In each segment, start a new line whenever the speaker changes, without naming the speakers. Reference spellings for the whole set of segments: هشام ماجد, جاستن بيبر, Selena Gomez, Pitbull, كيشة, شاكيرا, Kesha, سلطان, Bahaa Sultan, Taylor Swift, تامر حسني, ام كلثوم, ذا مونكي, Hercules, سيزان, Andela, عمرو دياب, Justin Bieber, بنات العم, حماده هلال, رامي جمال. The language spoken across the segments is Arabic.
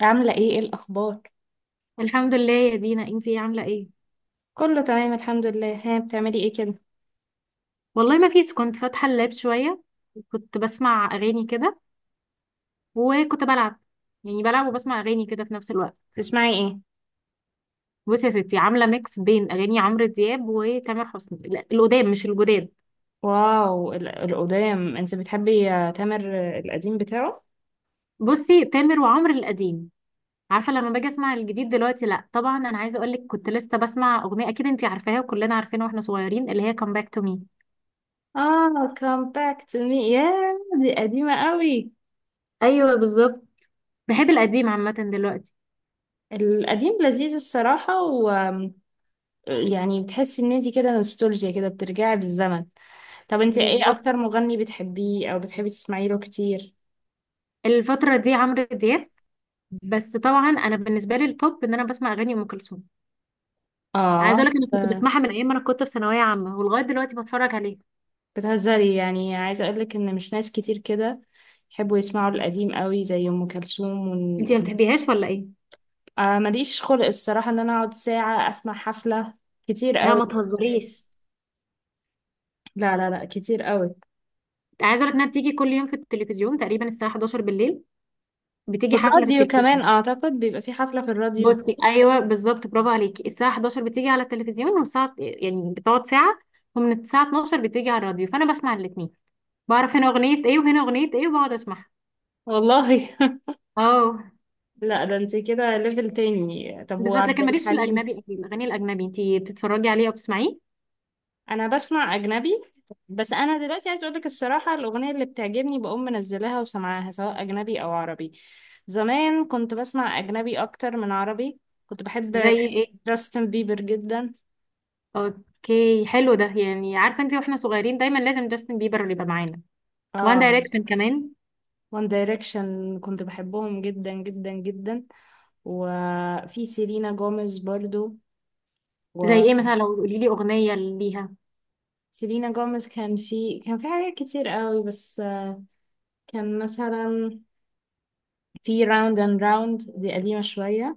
عاملة ايه ايه الأخبار؟
الحمد لله يا دينا، انتي ايه؟ عامله ايه؟
كله تمام الحمد لله. ها، بتعملي ايه كده؟
والله ما فيش، كنت فاتحه اللاب شويه، كنت بسمع اغاني كده، وكنت بلعب. يعني بلعب وبسمع اغاني كده في نفس الوقت.
بتسمعي ايه؟
بصي يا ستي، عامله ميكس بين اغاني عمرو دياب وتامر حسني، لا القدام مش الجداد.
واو. القدام انت بتحبي، تامر، القديم بتاعه؟
بصي، تامر وعمرو القديم. عارفه لما باجي اسمع الجديد دلوقتي لا طبعا. انا عايزه اقول لك كنت لسه بسمع اغنيه اكيد انتي عارفاها وكلنا عارفينها واحنا صغيرين، اللي هي كام باك تو مي.
اه، come back to me. يا دي قديمة قوي.
ايوه بالظبط. بحب القديم عامه دلوقتي.
القديم لذيذ الصراحة، و يعني بتحسي ان انت كده نوستالجيا كده، بترجعي بالزمن. طب انت ايه
بالظبط.
اكتر مغني بتحبيه او بتحبي تسمعي له كتير؟
الفترة دي عمرو دياب. بس طبعا انا بالنسبه لي التوب ان انا بسمع اغاني ام كلثوم.
اه.
عايزه اقول لك انا كنت بسمعها من ايام ما انا كنت في ثانويه عامه ولغايه دلوقتي بتفرج عليها.
بتهزري؟ يعني عايزة أقولك إن مش ناس كتير كده يحبوا يسمعوا القديم قوي زي أم كلثوم
انت ما بتحبيهاش ولا ايه؟
آه، ماليش خلق الصراحة إن أنا أقعد ساعة أسمع حفلة، كتير
لا
قوي.
ما تهزريش.
لا لا لا، كتير قوي.
عايزه اقول لك انها بتيجي كل يوم في التلفزيون تقريبا الساعه 11 بالليل. بتيجي حفله في
والراديو كمان
التلفزيون.
أعتقد بيبقى في حفلة في الراديو.
بصي ايوه بالظبط، برافو عليكي. الساعه 11 بتيجي على التلفزيون والساعه يعني بتقعد ساعه. ومن الساعه 12 بتيجي على الراديو، فانا بسمع الاثنين. بعرف هنا اغنيه ايه وهنا اغنيه ايه وبقعد اسمعها.
والله.
اه
لا، ده انت كده ليفل تاني. طب
بالظبط.
وعبد
لكن ماليش في
الحليم؟
الاجنبي أوي، الاغاني الاجنبي انت بتتفرجي عليه او بتسمعيه؟
انا بسمع اجنبي، بس انا دلوقتي عايز اقولك الصراحه، الاغنيه اللي بتعجبني بقوم منزلاها وسمعاها، سواء اجنبي او عربي. زمان كنت بسمع اجنبي اكتر من عربي. كنت
زي
بحب
ايه؟
جاستن بيبر جدا.
اوكي حلو، ده يعني عارفه انت واحنا صغيرين دايما لازم جاستن بيبر اللي يبقى معانا. وان
اه.
دايركشن كمان.
وان دايركشن كنت بحبهم جدا جدا جدا. وفي سيلينا جوميز برضو.
زي ايه مثلا؟ لو قولي لي اغنيه ليها.
وسيلينا جوميز كان في حاجات كتير قوي، بس كان مثلا في راوند اند راوند. دي قديمه شويه.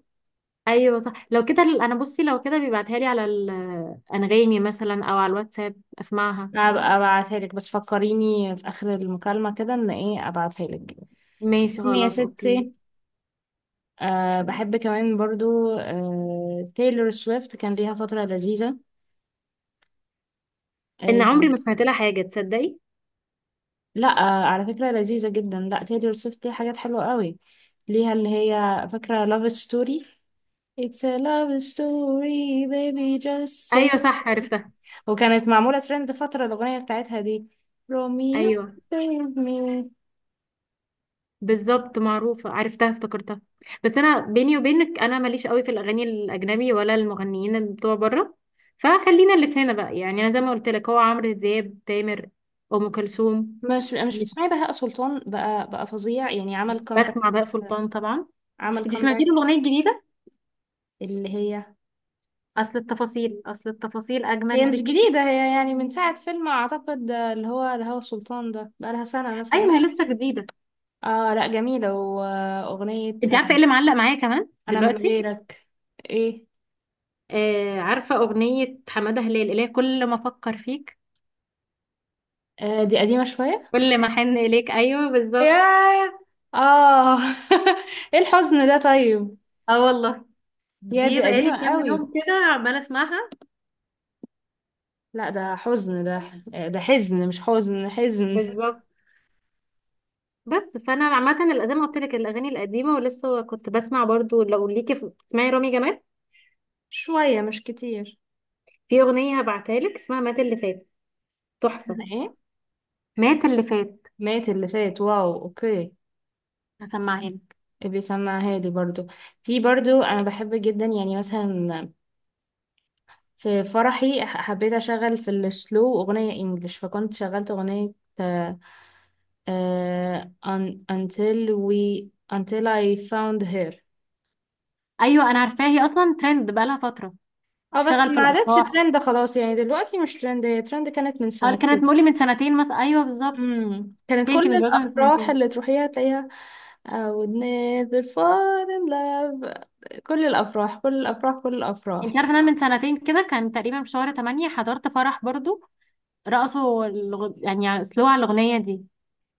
ايوه صح. لو كده انا بصي لو كده بيبعتها لي على الانغامي مثلا او على الواتساب اسمعها.
هبقى ابعتها لك، بس فكريني في اخر المكالمة كده ان ايه ابعتها لك.
ماشي
المهم يا
خلاص اوكي.
ستي، بحب كمان برضو، تايلور سويفت كان ليها فترة لذيذة.
ان
أي
عمري
نعم.
ما سمعت لها حاجه، تصدقي؟
لا، على فكرة لذيذة جدا. لا، تايلور سويفت ليها حاجات حلوة قوي، ليها اللي هي فاكرة love story. It's a love story, baby, just say.
ايوه صح، عرفتها.
وكانت معمولة ترند فترة، الأغنية بتاعتها دي. روميو.
ايوه
save me.
بالظبط، معروفة، عرفتها افتكرتها. بس انا بيني وبينك انا ماليش قوي في الاغاني الاجنبي ولا المغنيين اللي بتوع بره. فخلينا اللي في هنا بقى، يعني انا زي ما قلت لك هو عمرو دياب تامر ام كلثوم.
مش
مش،
بتسمعي بهاء سلطان؟ بقى فظيع يعني، عمل كومباك.
بسمع بقى سلطان طبعا.
عمل
انت سمعتي له
كومباك.
الاغنيه الجديده؟
اللي هي
اصل التفاصيل
هي
اجمل
مش
بكتير.
جديدة، هي يعني من ساعة فيلم أعتقد، اللي هو الهوى سلطان. ده بقى لها سنة
ايوه
مثلا.
ما هي لسه جديده.
اه لا، جميلة. وأغنية
انت عارفه ايه اللي معلق معايا كمان
أنا من
دلوقتي؟
غيرك. ايه.
آه، عارفه اغنيه حماده هلال اللي هي كل ما افكر فيك
آه، دي قديمة شوية.
كل ما احن اليك، ايوه بالظبط.
ياه. اه. ايه الحزن ده طيب.
اه والله،
يا
دي
دي
بقالي
قديمة
كام
قوي.
يوم كده عمالة اسمعها.
لا، ده حزن ده. ده حزن، مش حزن حزن.
بالظبط. بس فانا عامه، زي ما قلت لك الاغاني القديمه. ولسه كنت بسمع برضو، لو ليكي تسمعي رامي جمال،
شوية مش كتير.
في اغنيه هبعتها لك اسمها مات اللي فات، تحفه.
إيه.
مات اللي فات.
مات اللي فات. واو، اوكي.
هسمعها لك.
ابي سمعها لي برضو. في برضو انا بحب جدا يعني مثلا، في فرحي حبيت اشغل في السلو اغنية انجلش، فكنت شغلت اغنية. آه، until we until I found her.
ايوه انا عارفاها، هي اصلا ترند بقالها فترة.
اه، بس
تشتغل في
ما عادتش
الافراح.
ترند خلاص يعني، دلوقتي مش ترند. هي ترند كانت من
هل كانت
سنتين.
مولي من سنتين مثلا؟ ايوه بالظبط.
كانت
هي انت
كل
متجوزة من
الافراح
سنتين؟
اللي تروحيها تلاقيها. I would never fall in love. كل الافراح، كل الافراح، كل الافراح.
انت عارفة إن انا من سنتين كده كان تقريبا في شهر 8 حضرت فرح برضو. رقصوا يعني سلو على الاغنية دي،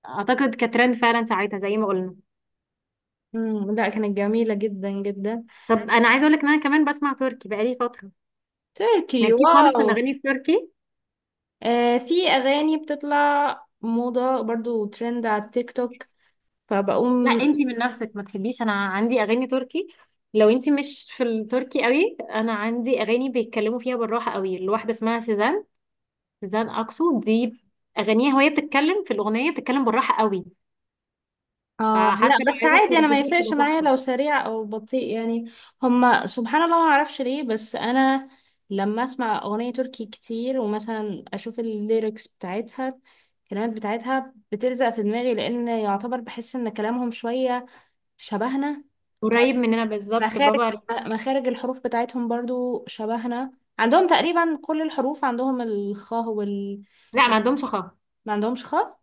اعتقد كترند فعلا ساعتها زي ما قلنا.
مم. لا، كانت جميلة جدا جدا.
طب انا عايزه اقول لك ان انا كمان بسمع تركي بقالي فتره.
تركي،
مالكيش خالص في
واو.
الاغاني التركي؟
آه، في أغاني بتطلع موضة برضو ترند على التيك توك،
لا
فبقوم.
انتي من نفسك ما تحبيش. انا عندي اغاني تركي. لو انتي مش في التركي قوي، انا عندي اغاني بيتكلموا فيها بالراحه قوي، الواحده اسمها سيزان. سيزان اكسو دي، اغانيها وهي بتتكلم في الاغنيه بتتكلم بالراحه قوي.
آه لا،
فحتى لو
بس
عايزه
عادي، أنا ما
تترجميه
يفرقش
بتبقى
معايا
تحفه.
لو سريع أو بطيء يعني. هما سبحان الله ما أعرفش ليه، بس أنا لما أسمع أغنية تركي كتير ومثلا أشوف الليركس بتاعتها، الكلمات بتاعتها بتلزق في دماغي، لأن يعتبر بحس إن كلامهم شوية شبهنا.
قريب مننا بالظبط، برافو
مخارج
عليك.
مخارج الحروف بتاعتهم برضو شبهنا. عندهم تقريبا كل الحروف، عندهم الخاء
لا ما عندهمش خالص.
ما عندهمش خاء.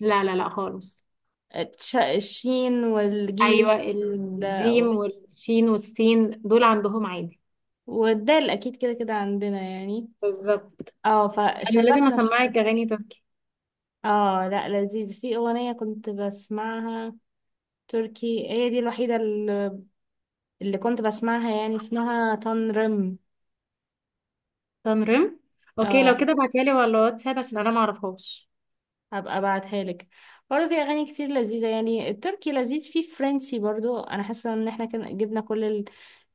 لا لا لا خالص.
الشين والجيم
ايوه
وال-
الجيم والشين والسين دول عندهم عادي.
والدال اكيد، كده كده عندنا يعني.
بالظبط.
اه،
انا لازم
فشبهنا
اسمعك
شوية.
اغاني تركي.
اه لا، لذيذ. في اغنية كنت بسمعها تركي، هي دي الوحيدة اللي كنت بسمعها، يعني اسمها تنرم.
تنرم. اوكي لو
اه،
كده ابعتيها لي ولا واتساب عشان انا ما اعرفهاش.
هبقى ابعتها لك. برضه في اغاني كتير لذيذه، يعني التركي لذيذ. في فرنسي برضه، انا حاسه ان احنا كان جبنا كل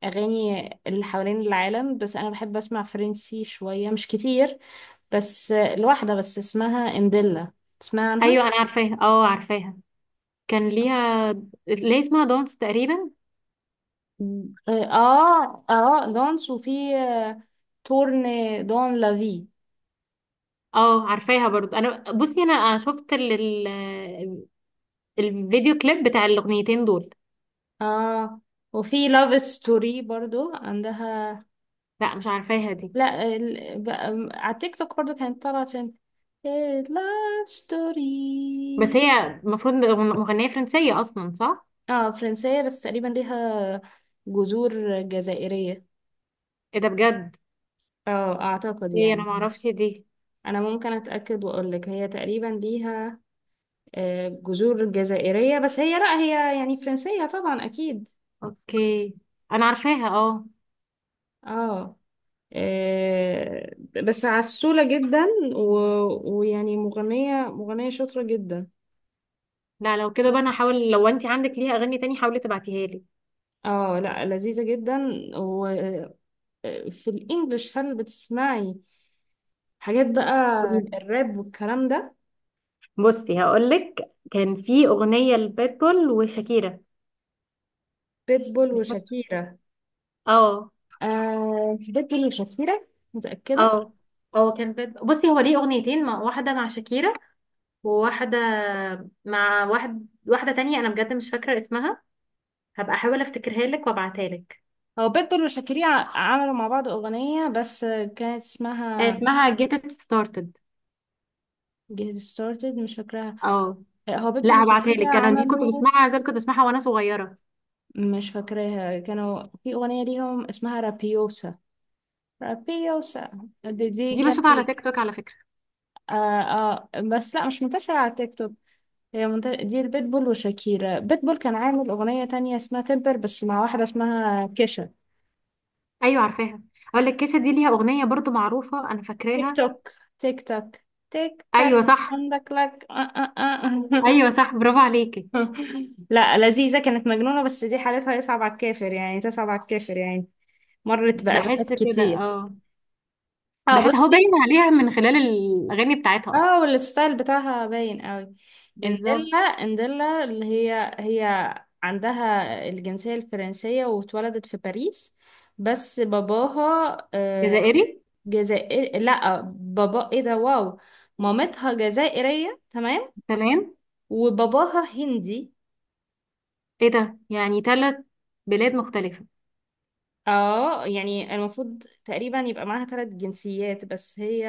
الاغاني اللي حوالين العالم، بس انا بحب اسمع فرنسي شويه مش كتير، بس الواحده بس اسمها انديلا. تسمع عنها؟
ايوه انا عارفاها، اه عارفاها. كان ليها، ليه اسمها دونس تقريبا.
مم. اه اه، دانس. وفي تورن، دون لافي.
اه عارفاها برضو. انا بصي انا شفت ال- الفيديو كليب بتاع الاغنيتين دول.
اه، وفي لاف ستوري برضو عندها.
لا مش عارفاها دي.
لا، على التيك توك برضو كانت طالعة عشان لاف
بس
ستوري.
هي المفروض مغنية فرنسية اصلا، صح؟
اه فرنسية، بس تقريبا ليها جذور جزائرية.
ايه ده بجد!
اه، اعتقد
ايه انا
يعني.
ما اعرفش دي.
انا ممكن اتأكد واقول لك، هي تقريبا ليها جذور جزائرية، بس هي، لا، هي يعني فرنسية طبعا اكيد.
اوكي، انا عارفاها اه.
اه. آه، بس عسولة جدا، ويعني مغنية شاطرة جدا.
لا لو كده بقى انا هحاول. لو انت عندك ليها اغاني تاني حاولي تبعتيها لي.
اه لا، لذيذة جدا. و... في الانجليش هل بتسمعي حاجات بقى؟
قولي لي.
الراب والكلام ده؟
بصي هقول لك كان في اغنيه لبيتبول وشاكيرا،
بيتبول
مش فاكره.
وشاكيرا.
اه.
آه، بيتبول وشاكيرا، متأكدة.
اه اه. كان بصي هو ليه اغنيتين، مع واحده مع شاكيرا، وواحده مع واحد واحده تانية انا بجد مش فاكره اسمها. هبقى احاول افتكرها لك وابعتها لك.
هو بيتبول وشاكيرا عملوا مع بعض أغنية، بس كانت
آه،
اسمها
اسمها get it started.
get started. مش فاكراها.
اه
هو بيتبول
لا هبعتها
وشاكيرا
لك، انا دي كنت
عملوا.
بسمعها زي ما كنت بسمعها وانا صغيره.
مش فاكراها. كانوا في أغنية ليهم اسمها رابيوسا. رابيوسا. دي
دي
كانت
بشوفها على تيك توك على فكره.
آه آه. بس لا، مش منتشرة على تيك توك. هي دي البيتبول وشاكيرا بيتبول كان عامل أغنية تانية اسمها تمبر، بس مع واحدة اسمها كيشا.
ايوه عارفاها. اقول لك كيشة دي ليها اغنيه برضو معروفه انا
تيك
فاكراها.
توك، تيك توك، تيك تاك.
ايوه صح.
عندك لك، آه آه. آه.
ايوه صح، برافو عليكي.
لا، لذيذة. كانت مجنونة، بس دي حالتها يصعب على الكافر يعني، تصعب على الكافر يعني. مرت
بحس
بأزمات
كده
كتير.
اه.
اه
بحس هو
بصي.
باين عليها من خلال الاغاني بتاعتها اصلا.
اه، والستايل بتاعها باين قوي.
بالظبط.
انديلا اللي هي عندها الجنسية الفرنسية، واتولدت في باريس. بس باباها،
جزائري.
جزائري. لا، بابا ايه ده؟ واو. مامتها جزائرية، تمام.
تمام.
وباباها هندي.
ايه ده؟ يعني ثلاث بلاد مختلفه.
اه، يعني المفروض تقريبا يبقى معاها ثلاث جنسيات، بس هي،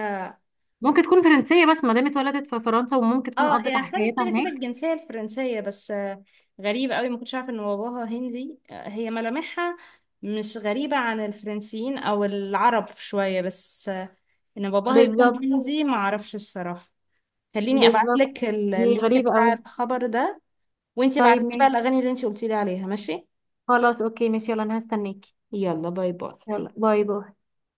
ممكن تكون فرنسيه بس ما دام اتولدت في فرنسا وممكن تكون
اه،
قضت
هي
على
خدت
حياتها
كده كده
هناك.
الجنسية الفرنسية. بس غريبة قوي، ما كنتش عارفة ان باباها هندي. هي ملامحها مش غريبة عن الفرنسيين او العرب شوية، بس ان باباها يكون
بالظبط.
هندي ما اعرفش الصراحة. خليني ابعت
بالظبط.
لك
دي
اللينك
غريبه
بتاع
قوي.
الخبر ده. وانتي
طيب
بعتي بقى
ماشي.
الاغاني اللي انتي قلتي لي عليها، ماشي؟
خلاص اوكي ماشي يلا انا هستناكي.
يلا، باي باي.
يلا باي باي.